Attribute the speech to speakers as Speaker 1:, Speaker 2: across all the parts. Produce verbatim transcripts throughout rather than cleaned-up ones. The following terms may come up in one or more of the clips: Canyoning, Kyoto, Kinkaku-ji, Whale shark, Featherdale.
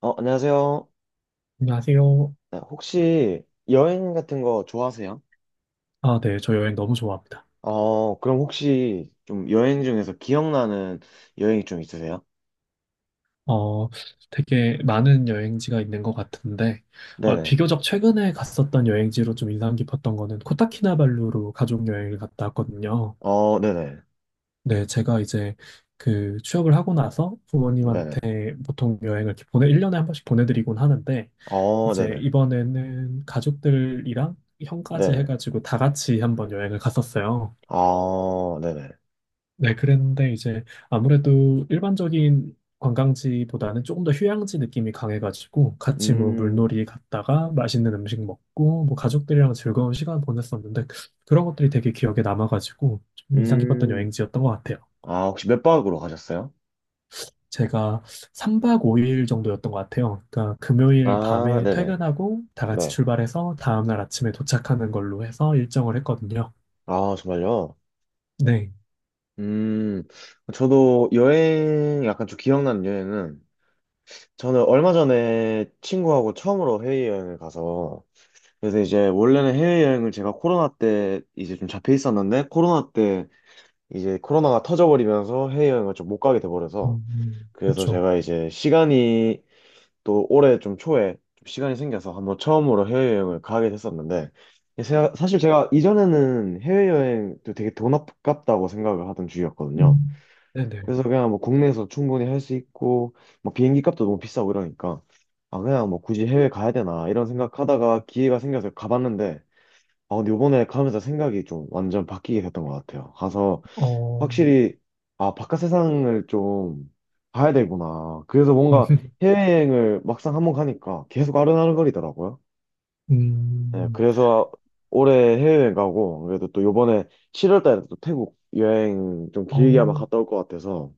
Speaker 1: 어, 안녕하세요.
Speaker 2: 안녕하세요.
Speaker 1: 네, 혹시 여행 같은 거 좋아하세요?
Speaker 2: 아, 네. 저 여행 너무 좋아합니다.
Speaker 1: 어, 그럼 혹시 좀 여행 중에서 기억나는 여행이 좀 있으세요?
Speaker 2: 어, 되게 많은 여행지가 있는 것 같은데, 어,
Speaker 1: 네네.
Speaker 2: 비교적 최근에 갔었던 여행지로 좀 인상 깊었던 거는 코타키나발루로 가족 여행을 갔다 왔거든요.
Speaker 1: 어, 네네.
Speaker 2: 네, 제가 이제 그 취업을 하고 나서
Speaker 1: 네네.
Speaker 2: 부모님한테 보통 여행을 이렇게 보내, 일 년에 한 번씩 보내드리곤 하는데,
Speaker 1: 어,
Speaker 2: 이제
Speaker 1: 네네.
Speaker 2: 이번에는 가족들이랑 형까지
Speaker 1: 네네.
Speaker 2: 해가지고 다 같이 한번 여행을 갔었어요.
Speaker 1: 어, 네네.
Speaker 2: 네, 그랬는데 이제 아무래도 일반적인 관광지보다는 조금 더 휴양지 느낌이 강해가지고 같이 뭐
Speaker 1: 음,
Speaker 2: 물놀이 갔다가 맛있는 음식 먹고 뭐 가족들이랑 즐거운 시간 보냈었는데 그런 것들이 되게 기억에 남아가지고 좀 인상 깊었던
Speaker 1: 음.
Speaker 2: 여행지였던 것 같아요.
Speaker 1: 아, 혹시 몇 박으로 가셨어요?
Speaker 2: 제가 삼 박 오 일 정도였던 것 같아요. 그러니까 금요일
Speaker 1: 아,
Speaker 2: 밤에
Speaker 1: 네네.
Speaker 2: 퇴근하고 다 같이
Speaker 1: 네.
Speaker 2: 출발해서 다음날 아침에 도착하는 걸로 해서 일정을 했거든요.
Speaker 1: 아, 정말요?
Speaker 2: 네.
Speaker 1: 음, 저도 여행, 약간 좀 기억나는 여행은, 저는 얼마 전에 친구하고 처음으로 해외여행을 가서, 그래서 이제 원래는 해외여행을 제가 코로나 때 이제 좀 잡혀 있었는데 코로나 때 이제 코로나가 터져버리면서 해외여행을 좀 못 가게 돼버려서
Speaker 2: 음, 음,
Speaker 1: 그래서
Speaker 2: 그쵸.
Speaker 1: 제가 이제 시간이 또 올해 좀 초에 좀 시간이 생겨서 한번 처음으로 해외여행을 가게 됐었는데 사- 사실 제가 이전에는 해외여행도 되게 돈 아깝다고 생각을 하던 주의였거든요.
Speaker 2: 음, 네네.
Speaker 1: 그래서 그냥 뭐 국내에서 충분히 할 수 있고 뭐 비행기 값도 너무 비싸고 이러니까 아 그냥 뭐 굳이 해외 가야 되나 이런 생각하다가 기회가 생겨서 가봤는데 아, 근데 요번에 가면서 생각이 좀 완전 바뀌게 됐던 것 같아요. 가서
Speaker 2: 어,
Speaker 1: 확실히, 아, 바깥 세상을 좀 봐야 되구나. 그래서 뭔가 해외여행을 막상 한번 가니까 계속 아른아른거리더라고요. 네,
Speaker 2: 음,
Speaker 1: 그래서 올해 해외여행 가고, 그래도 또 요번에 칠월 달에 또 태국 여행 좀 길게 아마
Speaker 2: 어,
Speaker 1: 갔다 올 것 같아서,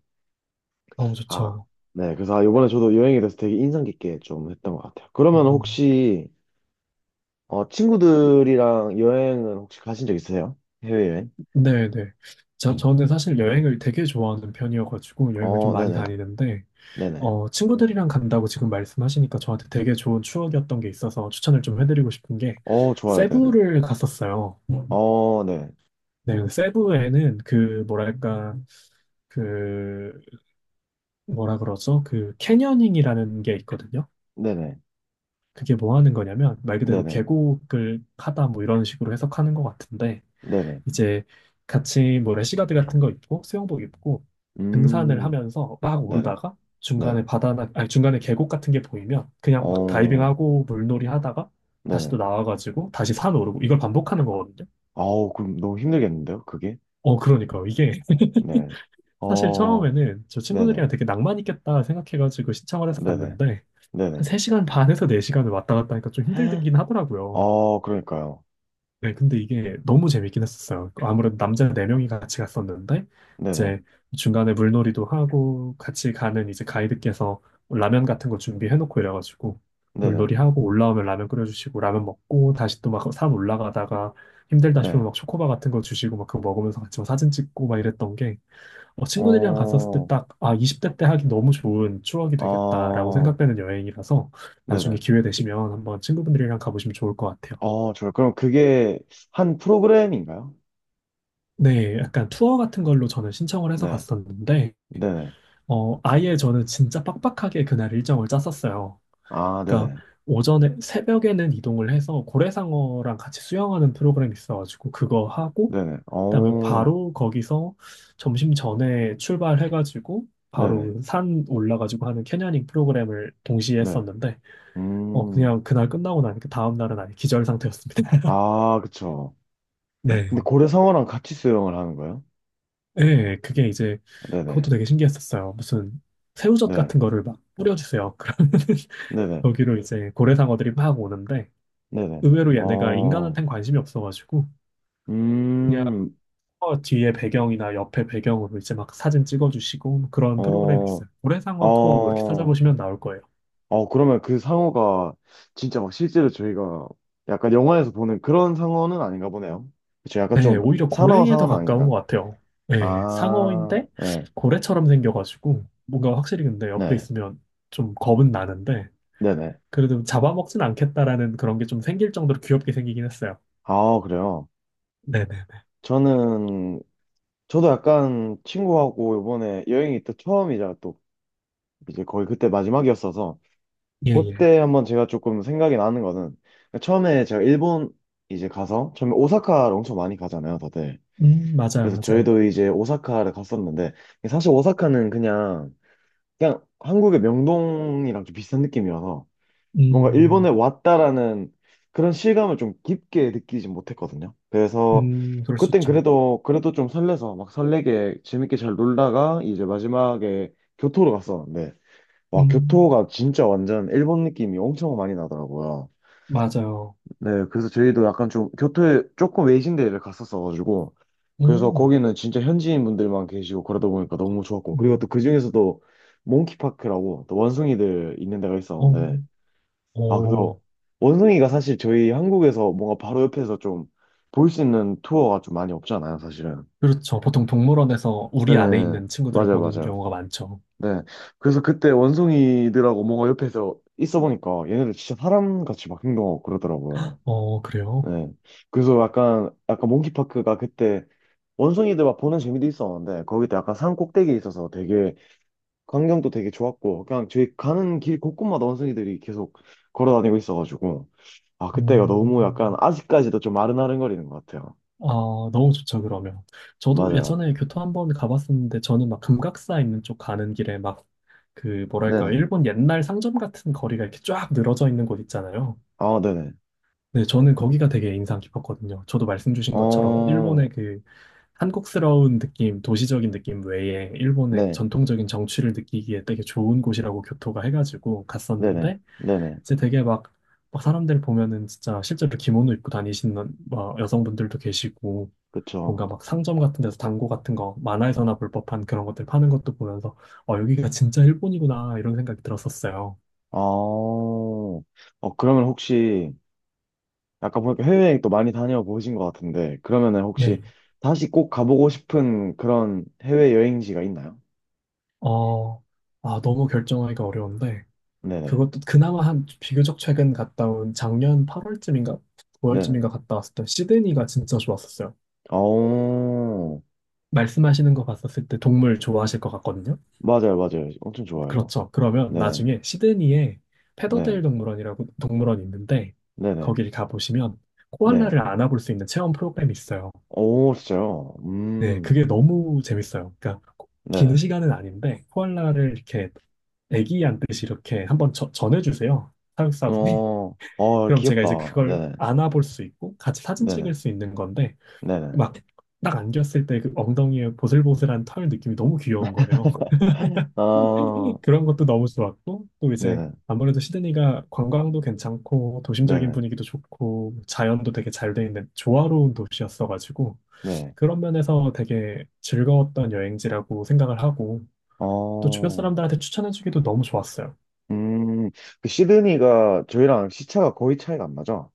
Speaker 2: 어,
Speaker 1: 아,
Speaker 2: 좋죠.
Speaker 1: 네, 그래서 아, 요번에 저도 여행에 대해서 되게 인상 깊게 좀 했던 것 같아요. 그러면
Speaker 2: 음,
Speaker 1: 혹시, 어, 친구들이랑 여행을 혹시 가신 적 있으세요? 해외여행?
Speaker 2: 네, 네. 저, 저는 사실 여행을 되게 좋아하는 편이어가지고 여행을 좀
Speaker 1: 어,
Speaker 2: 많이
Speaker 1: 네네.
Speaker 2: 다니는데,
Speaker 1: 네네.
Speaker 2: 어, 친구들이랑 간다고 지금 말씀하시니까 저한테 되게 좋은 추억이었던 게 있어서 추천을 좀 해드리고 싶은 게,
Speaker 1: 어, 좋아요. 네네.
Speaker 2: 세부를 갔었어요.
Speaker 1: 어, 네.
Speaker 2: 네, 세부에는 그, 뭐랄까, 그, 뭐라 그러죠? 그, 캐녀닝이라는 게 있거든요.
Speaker 1: 네네.
Speaker 2: 그게 뭐 하는 거냐면, 말 그대로
Speaker 1: 네네.
Speaker 2: 계곡을 하다 뭐 이런 식으로 해석하는 것 같은데,
Speaker 1: 네네.
Speaker 2: 이제 같이 뭐 래시가드 같은 거 입고 수영복 입고 등산을
Speaker 1: 음,
Speaker 2: 하면서 막
Speaker 1: 네네.
Speaker 2: 오르다가
Speaker 1: 네.
Speaker 2: 중간에 바다나 아니 중간에 계곡 같은 게 보이면 그냥 막
Speaker 1: 어,
Speaker 2: 다이빙하고 물놀이 하다가 다시
Speaker 1: 네네.
Speaker 2: 또 나와가지고 다시 산 오르고 이걸 반복하는 거거든요.
Speaker 1: 아우, 그럼 너무 힘들겠는데요? 그게?
Speaker 2: 어 그러니까요. 이게
Speaker 1: 네.
Speaker 2: 사실
Speaker 1: 어,
Speaker 2: 처음에는 저
Speaker 1: 네네.
Speaker 2: 친구들이랑 되게 낭만 있겠다 생각해가지고 신청을 해서
Speaker 1: 네네.
Speaker 2: 갔는데 한
Speaker 1: 네네.
Speaker 2: 세 시간 반에서 네 시간을 왔다 갔다 하니까 좀 힘들긴 하더라고요.
Speaker 1: 어, 그러니까요.
Speaker 2: 네, 근데 이게 너무 재밌긴 했었어요. 그 아무래도 남자 네명이 같이 갔었는데,
Speaker 1: 네네.
Speaker 2: 이제 중간에 물놀이도 하고, 같이 가는 이제 가이드께서 라면 같은 거 준비해놓고 이래가지고,
Speaker 1: 네네.
Speaker 2: 물놀이 하고, 올라오면 라면 끓여주시고, 라면 먹고, 다시 또 막 산 올라가다가, 힘들다
Speaker 1: 네.
Speaker 2: 싶으면 막 초코바 같은 거 주시고, 막 그거 먹으면서 같이 막 사진 찍고 막 이랬던 게, 어, 친구들이랑 갔었을 때
Speaker 1: 어,
Speaker 2: 딱, 아, 이십 대 때 하기 너무 좋은 추억이 되겠다라고
Speaker 1: 어,
Speaker 2: 생각되는 여행이라서,
Speaker 1: 네네.
Speaker 2: 나중에 기회 되시면 한번 친구분들이랑 가보시면 좋을 것 같아요.
Speaker 1: 어, 좋아요. 그럼 그게 한 프로그램인가요?
Speaker 2: 네, 약간 투어 같은 걸로 저는 신청을 해서
Speaker 1: 네.
Speaker 2: 갔었는데,
Speaker 1: 네네.
Speaker 2: 어, 아예 저는 진짜 빡빡하게 그날 일정을 짰었어요.
Speaker 1: 아,
Speaker 2: 그러니까
Speaker 1: 네네.
Speaker 2: 오전에, 새벽에는 이동을 해서 고래상어랑 같이 수영하는 프로그램이 있어가지고 그거 하고,
Speaker 1: 네네.
Speaker 2: 그다음에
Speaker 1: 어,
Speaker 2: 바로 거기서 점심 전에 출발해가지고
Speaker 1: 네네.
Speaker 2: 바로 산 올라가지고 하는 캐녀닝 프로그램을 동시에
Speaker 1: 네.
Speaker 2: 했었는데, 어,
Speaker 1: 음,
Speaker 2: 그냥 그날 끝나고 나니까 다음 날은 아예 기절 상태였습니다.
Speaker 1: 아, 그쵸. 근데
Speaker 2: 네.
Speaker 1: 고래 상어랑 같이 수영을 하는 거예요?
Speaker 2: 예, 그게 이제
Speaker 1: 네네.
Speaker 2: 그것도 되게 신기했었어요. 무슨 새우젓
Speaker 1: 네.
Speaker 2: 같은 거를 막 뿌려주세요. 그러면
Speaker 1: 네네.
Speaker 2: 거기로 이제 고래상어들이 막 오는데
Speaker 1: 네네.
Speaker 2: 의외로 얘네가
Speaker 1: 어,
Speaker 2: 인간한텐 관심이 없어가지고 그냥
Speaker 1: 음,
Speaker 2: 어, 뒤에 배경이나 옆에 배경으로 이제 막 사진 찍어주시고 뭐 그런 프로그램이
Speaker 1: 어,
Speaker 2: 있어요. 고래상어 투어 뭐 이렇게
Speaker 1: 어,
Speaker 2: 찾아보시면 나올 거예요.
Speaker 1: 어, 그러면 그 상어가 진짜 막 실제로 저희가 약간 영화에서 보는 그런 상어는 아닌가 보네요. 그쵸. 약간
Speaker 2: 네,
Speaker 1: 좀
Speaker 2: 오히려
Speaker 1: 사나운
Speaker 2: 고래에 더
Speaker 1: 상어는
Speaker 2: 가까운
Speaker 1: 아닌가.
Speaker 2: 것 같아요. 네,
Speaker 1: 아,
Speaker 2: 상어인데
Speaker 1: 네.
Speaker 2: 고래처럼 생겨가지고 뭔가 확실히 근데 옆에
Speaker 1: 네.
Speaker 2: 있으면 좀 겁은 나는데
Speaker 1: 네네.
Speaker 2: 그래도 잡아먹진 않겠다라는 그런 게 좀 생길 정도로 귀엽게 생기긴 했어요.
Speaker 1: 아, 그래요.
Speaker 2: 네네네.
Speaker 1: 저는, 저도 약간 친구하고 이번에 여행이 또 처음이자 또 이제 거의 그때 마지막이었어서
Speaker 2: 예, 예.
Speaker 1: 그때 한번 제가 조금 생각이 나는 거는 그러니까 처음에 제가 일본 이제 가서 처음에 오사카를 엄청 많이 가잖아요, 다들.
Speaker 2: 음, 맞아요,
Speaker 1: 그래서
Speaker 2: 맞아요.
Speaker 1: 저희도 이제 오사카를 갔었는데 사실 오사카는 그냥 그냥 한국의 명동이랑 좀 비슷한 느낌이어서 뭔가 일본에
Speaker 2: 음,
Speaker 1: 왔다라는 그런 실감을 좀 깊게 느끼지 못했거든요. 그래서
Speaker 2: 음, 그럴 수
Speaker 1: 그땐
Speaker 2: 있죠.
Speaker 1: 그래도 그래도 좀 설레서 막 설레게 재밌게 잘 놀다가 이제 마지막에 교토로 갔었는데 와,
Speaker 2: 음,
Speaker 1: 교토가 진짜 완전 일본 느낌이 엄청 많이 나더라고요.
Speaker 2: 맞아요.
Speaker 1: 네, 그래서 저희도 약간 좀 교토에 조금 외진 데를 갔었어가지고, 그래서
Speaker 2: 음,
Speaker 1: 거기는 진짜 현지인 분들만 계시고 그러다 보니까 너무 좋았고, 그리고
Speaker 2: 음,
Speaker 1: 또 그중에서도 몽키파크라고 또 원숭이들 있는 데가
Speaker 2: 어,
Speaker 1: 있었는데, 아,
Speaker 2: 어,
Speaker 1: 그래서 원숭이가 사실 저희 한국에서 뭔가 바로 옆에서 좀 볼 수 있는 투어가 좀 많이 없잖아요, 사실은.
Speaker 2: 그렇죠. 보통 동물원에서
Speaker 1: 네,
Speaker 2: 우리 안에 있는 친구들을
Speaker 1: 맞아요,
Speaker 2: 보는
Speaker 1: 맞아요.
Speaker 2: 경우가 많죠.
Speaker 1: 네. 그래서 그때 원숭이들하고 뭔가 옆에서 있어 보니까 얘네들 진짜 사람같이 막 행동하고 그러더라고요.
Speaker 2: 어, 그래요?
Speaker 1: 네. 그래서 약간, 약간 몽키파크가 그때 원숭이들 막 보는 재미도 있었는데 거기도 약간 산 꼭대기에 있어서 되게 광경도 되게 좋았고 그냥 저희 가는 길 곳곳마다 원숭이들이 계속 걸어 다니고 있어가지고 아, 그때가 너무 약간
Speaker 2: 음,
Speaker 1: 아직까지도 좀 아른아른거리는 것 같아요.
Speaker 2: 아, 너무 좋죠, 그러면. 저도
Speaker 1: 맞아요.
Speaker 2: 예전에 교토 한번 가봤었는데, 저는 막 금각사 있는 쪽 가는 길에 막, 그, 뭐랄까,
Speaker 1: 네네.
Speaker 2: 일본 옛날 상점 같은 거리가 이렇게 쫙 늘어져 있는 곳 있잖아요.
Speaker 1: 아, 네네.
Speaker 2: 네, 저는 거기가 되게 인상 깊었거든요. 저도 말씀 주신 것처럼,
Speaker 1: 어,
Speaker 2: 일본의 그, 한국스러운 느낌, 도시적인 느낌 외에, 일본의
Speaker 1: 네.
Speaker 2: 전통적인 정취를 느끼기에 되게 좋은 곳이라고 교토가 해가지고
Speaker 1: 네네.
Speaker 2: 갔었는데,
Speaker 1: 네네.
Speaker 2: 이제 되게 막, 막 사람들 보면은 진짜 실제로 기모노 입고 다니시는 막 여성분들도 계시고,
Speaker 1: 그쵸.
Speaker 2: 뭔가 막 상점 같은 데서 당고 같은 거 만화에서나 볼 법한 그런 것들 파는 것도 보면서 어, 여기가 진짜 일본이구나 이런 생각이 들었었어요.
Speaker 1: 어, 어, 그러면 혹시, 아까 보니까 해외여행 또 많이 다녀보신 것 같은데, 그러면은
Speaker 2: 예,
Speaker 1: 혹시
Speaker 2: 예.
Speaker 1: 다시 꼭 가보고 싶은 그런 해외여행지가 있나요?
Speaker 2: 어, 아, 너무 결정하기가 어려운데
Speaker 1: 네네,
Speaker 2: 그것도 그나마 한 비교적 최근 갔다 온 작년 팔 월쯤인가
Speaker 1: 네네.
Speaker 2: 구 월쯤인가 갔다 왔을 때 시드니가 진짜 좋았었어요.
Speaker 1: 어,
Speaker 2: 말씀하시는 거 봤었을 때 동물 좋아하실 것 같거든요.
Speaker 1: 맞아요, 맞아요. 엄청 좋아요.
Speaker 2: 그렇죠. 그러면
Speaker 1: 네,
Speaker 2: 나중에 시드니에
Speaker 1: 네,
Speaker 2: 페더데일 동물원이라고 동물원이 있는데
Speaker 1: 네네,
Speaker 2: 거기를 가보시면
Speaker 1: 네.
Speaker 2: 코알라를 안아볼 수 있는 체험 프로그램이 있어요.
Speaker 1: 오, 진짜요?
Speaker 2: 네,
Speaker 1: 음,
Speaker 2: 그게 너무 재밌어요. 그러니까 고- 긴
Speaker 1: 네네.
Speaker 2: 시간은 아닌데 코알라를 이렇게 애기한듯이 이렇게 한번 저- 전해주세요. 사육사분이.
Speaker 1: 어, 어,
Speaker 2: 그럼 제가 이제
Speaker 1: 귀엽다.
Speaker 2: 그걸
Speaker 1: 네네,
Speaker 2: 안아볼 수 있고 같이 사진 찍을
Speaker 1: 네네,
Speaker 2: 수 있는 건데
Speaker 1: 네네.
Speaker 2: 막 딱 안겼을 때 그 엉덩이에 보슬보슬한 털 느낌이 너무 귀여운 거예요.
Speaker 1: 아,
Speaker 2: 그런 것도 너무 좋았고 또 이제
Speaker 1: 네네,
Speaker 2: 아무래도 시드니가 관광도 괜찮고 도심적인
Speaker 1: 네네,
Speaker 2: 분위기도 좋고 자연도 되게 잘 돼 있는 조화로운 도시였어가지고
Speaker 1: 네.
Speaker 2: 그런 면에서 되게 즐거웠던 여행지라고 생각을 하고 또 주변
Speaker 1: 어,
Speaker 2: 사람들한테 추천해주기도 너무 좋았어요.
Speaker 1: 음, 그 시드니가 저희랑 시차가 거의 차이가 안 나죠?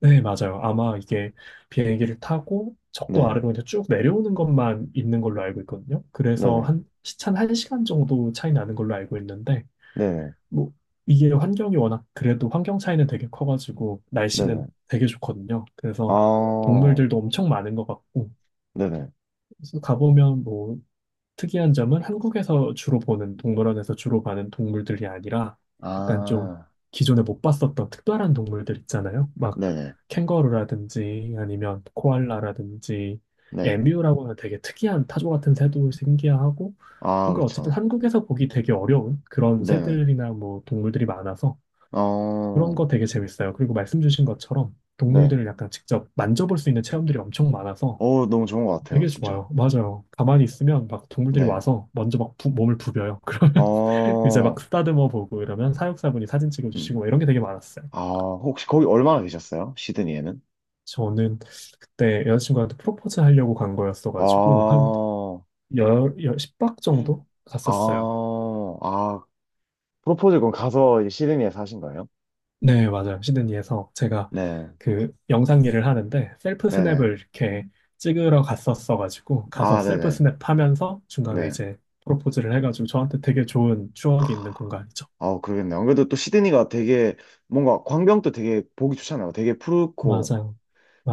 Speaker 2: 네, 맞아요. 아마 이게 비행기를 타고 적도
Speaker 1: 네,
Speaker 2: 아래로 이제 쭉 내려오는 것만 있는 걸로 알고 있거든요. 그래서
Speaker 1: 네네,
Speaker 2: 한 시차 한시간 정도 차이 나는 걸로 알고 있는데
Speaker 1: 네네,
Speaker 2: 뭐 이게 환경이 워낙 그래도 환경 차이는 되게 커가지고
Speaker 1: 네네.
Speaker 2: 날씨는 되게 좋거든요.
Speaker 1: 아,
Speaker 2: 그래서 동물들도 엄청 많은 것 같고
Speaker 1: 네네.
Speaker 2: 그래서 가보면 뭐 특이한 점은 한국에서 주로 보는, 동물원에서 주로 봐는 동물들이 아니라 약간 좀
Speaker 1: 아,
Speaker 2: 기존에 못 봤었던 특별한 동물들 있잖아요. 막
Speaker 1: 네네,
Speaker 2: 캥거루라든지 아니면 코알라라든지
Speaker 1: 네.
Speaker 2: 에뮤라고 는 되게 특이한 타조 같은 새도 신기하고
Speaker 1: 아,
Speaker 2: 뭔가 어쨌든
Speaker 1: 그렇죠.
Speaker 2: 한국에서 보기 되게 어려운 그런
Speaker 1: 네네.
Speaker 2: 새들이나 뭐 동물들이 많아서
Speaker 1: 어,
Speaker 2: 그런 거 되게 재밌어요. 그리고 말씀 주신 것처럼
Speaker 1: 네.
Speaker 2: 동물들을 약간 직접 만져볼 수 있는 체험들이 엄청 많아서
Speaker 1: 어, 너무 좋은 것 같아요,
Speaker 2: 되게
Speaker 1: 진짜.
Speaker 2: 좋아요. 맞아요. 가만히 있으면 막 동물들이
Speaker 1: 네.
Speaker 2: 와서 먼저 막 부- 몸을 부벼요. 그러면 이제 막
Speaker 1: 어,
Speaker 2: 쓰다듬어 보고 이러면 사육사분이 사진
Speaker 1: 음.
Speaker 2: 찍어주시고 막 이런 게 되게 많았어요.
Speaker 1: 아, 혹시 거기 얼마나 계셨어요? 시드니에는?
Speaker 2: 저는 그때 여자친구한테 프로포즈 하려고 간
Speaker 1: 아,
Speaker 2: 거였어가지고 한 열, 열, 십 박 정도 갔었어요.
Speaker 1: 아, 아, 프로포즈 건 가서 이제 시드니에 사신 거예요?
Speaker 2: 네, 맞아요. 시드니에서 제가
Speaker 1: 네,
Speaker 2: 그 영상 일을 하는데 셀프
Speaker 1: 네네.
Speaker 2: 스냅을 이렇게 찍으러 갔었어가지고 가서
Speaker 1: 아,
Speaker 2: 셀프
Speaker 1: 네네.
Speaker 2: 스냅 하면서 중간에
Speaker 1: 네.
Speaker 2: 이제 프로포즈를 해가지고 저한테 되게 좋은 추억이 있는 공간이죠.
Speaker 1: 아, 그러겠네. 안 그래도 또 시드니가 되게 뭔가 광경도 되게 보기 좋잖아요. 되게 푸르고
Speaker 2: 맞아요.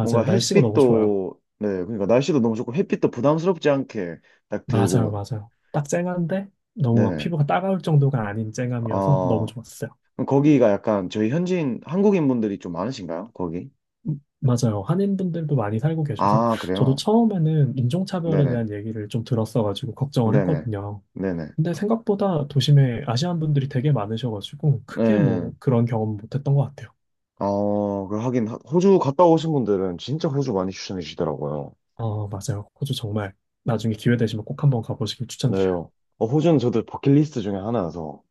Speaker 1: 뭔가
Speaker 2: 날씨가 너무 좋아요.
Speaker 1: 햇빛도 네, 그러니까 날씨도 너무 좋고 햇빛도 부담스럽지 않게 딱
Speaker 2: 맞아요.
Speaker 1: 들고
Speaker 2: 맞아요. 딱 쨍한데 너무 막
Speaker 1: 네.
Speaker 2: 피부가 따가울 정도가 아닌 쨍함이어서 너무
Speaker 1: 아,
Speaker 2: 좋았어요.
Speaker 1: 그럼 거기가 약간 저희 현지인 한국인 분들이 좀 많으신가요? 거기?
Speaker 2: 음, 맞아요. 한인분들도 많이 살고 계셔서
Speaker 1: 아,
Speaker 2: 저도
Speaker 1: 그래요.
Speaker 2: 처음에는 인종차별에
Speaker 1: 네네.
Speaker 2: 대한 얘기를 좀 들었어가지고 걱정을
Speaker 1: 네네.
Speaker 2: 했거든요.
Speaker 1: 네네.
Speaker 2: 근데 생각보다 도심에 아시안 분들이 되게 많으셔가지고 크게
Speaker 1: 네.
Speaker 2: 뭐 그런 경험 못했던 것 같아요.
Speaker 1: 어, 그 하긴 하- 호주 갔다 오신 분들은 진짜 호주 많이 추천해 주시더라고요.
Speaker 2: 어, 맞아요. 호주 정말 나중에 기회 되시면 꼭 한번 가보시길 추천드려요.
Speaker 1: 네요. 어, 호주는 저도 버킷리스트 중에 하나여서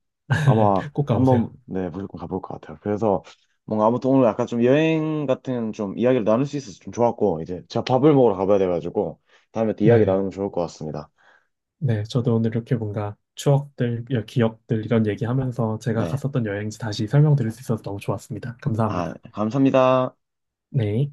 Speaker 1: 아마
Speaker 2: 꼭
Speaker 1: 한번
Speaker 2: 가보세요.
Speaker 1: 네 무조건 가볼 것 같아요. 그래서 뭔가 아무튼 오늘 약간 좀 여행 같은 좀 이야기를 나눌 수 있어서 좀 좋았고 이제 제가 밥을 먹으러 가봐야 돼가지고 다음에 또 이야기
Speaker 2: 네.
Speaker 1: 나누면 좋을 것 같습니다.
Speaker 2: 네, 저도 오늘 이렇게 뭔가 추억들, 여- 기억들 이런 얘기하면서 제가
Speaker 1: 네,
Speaker 2: 갔었던 여행지 다시 설명드릴 수 있어서 너무 좋았습니다.
Speaker 1: 아
Speaker 2: 감사합니다.
Speaker 1: 감사합니다.
Speaker 2: 네.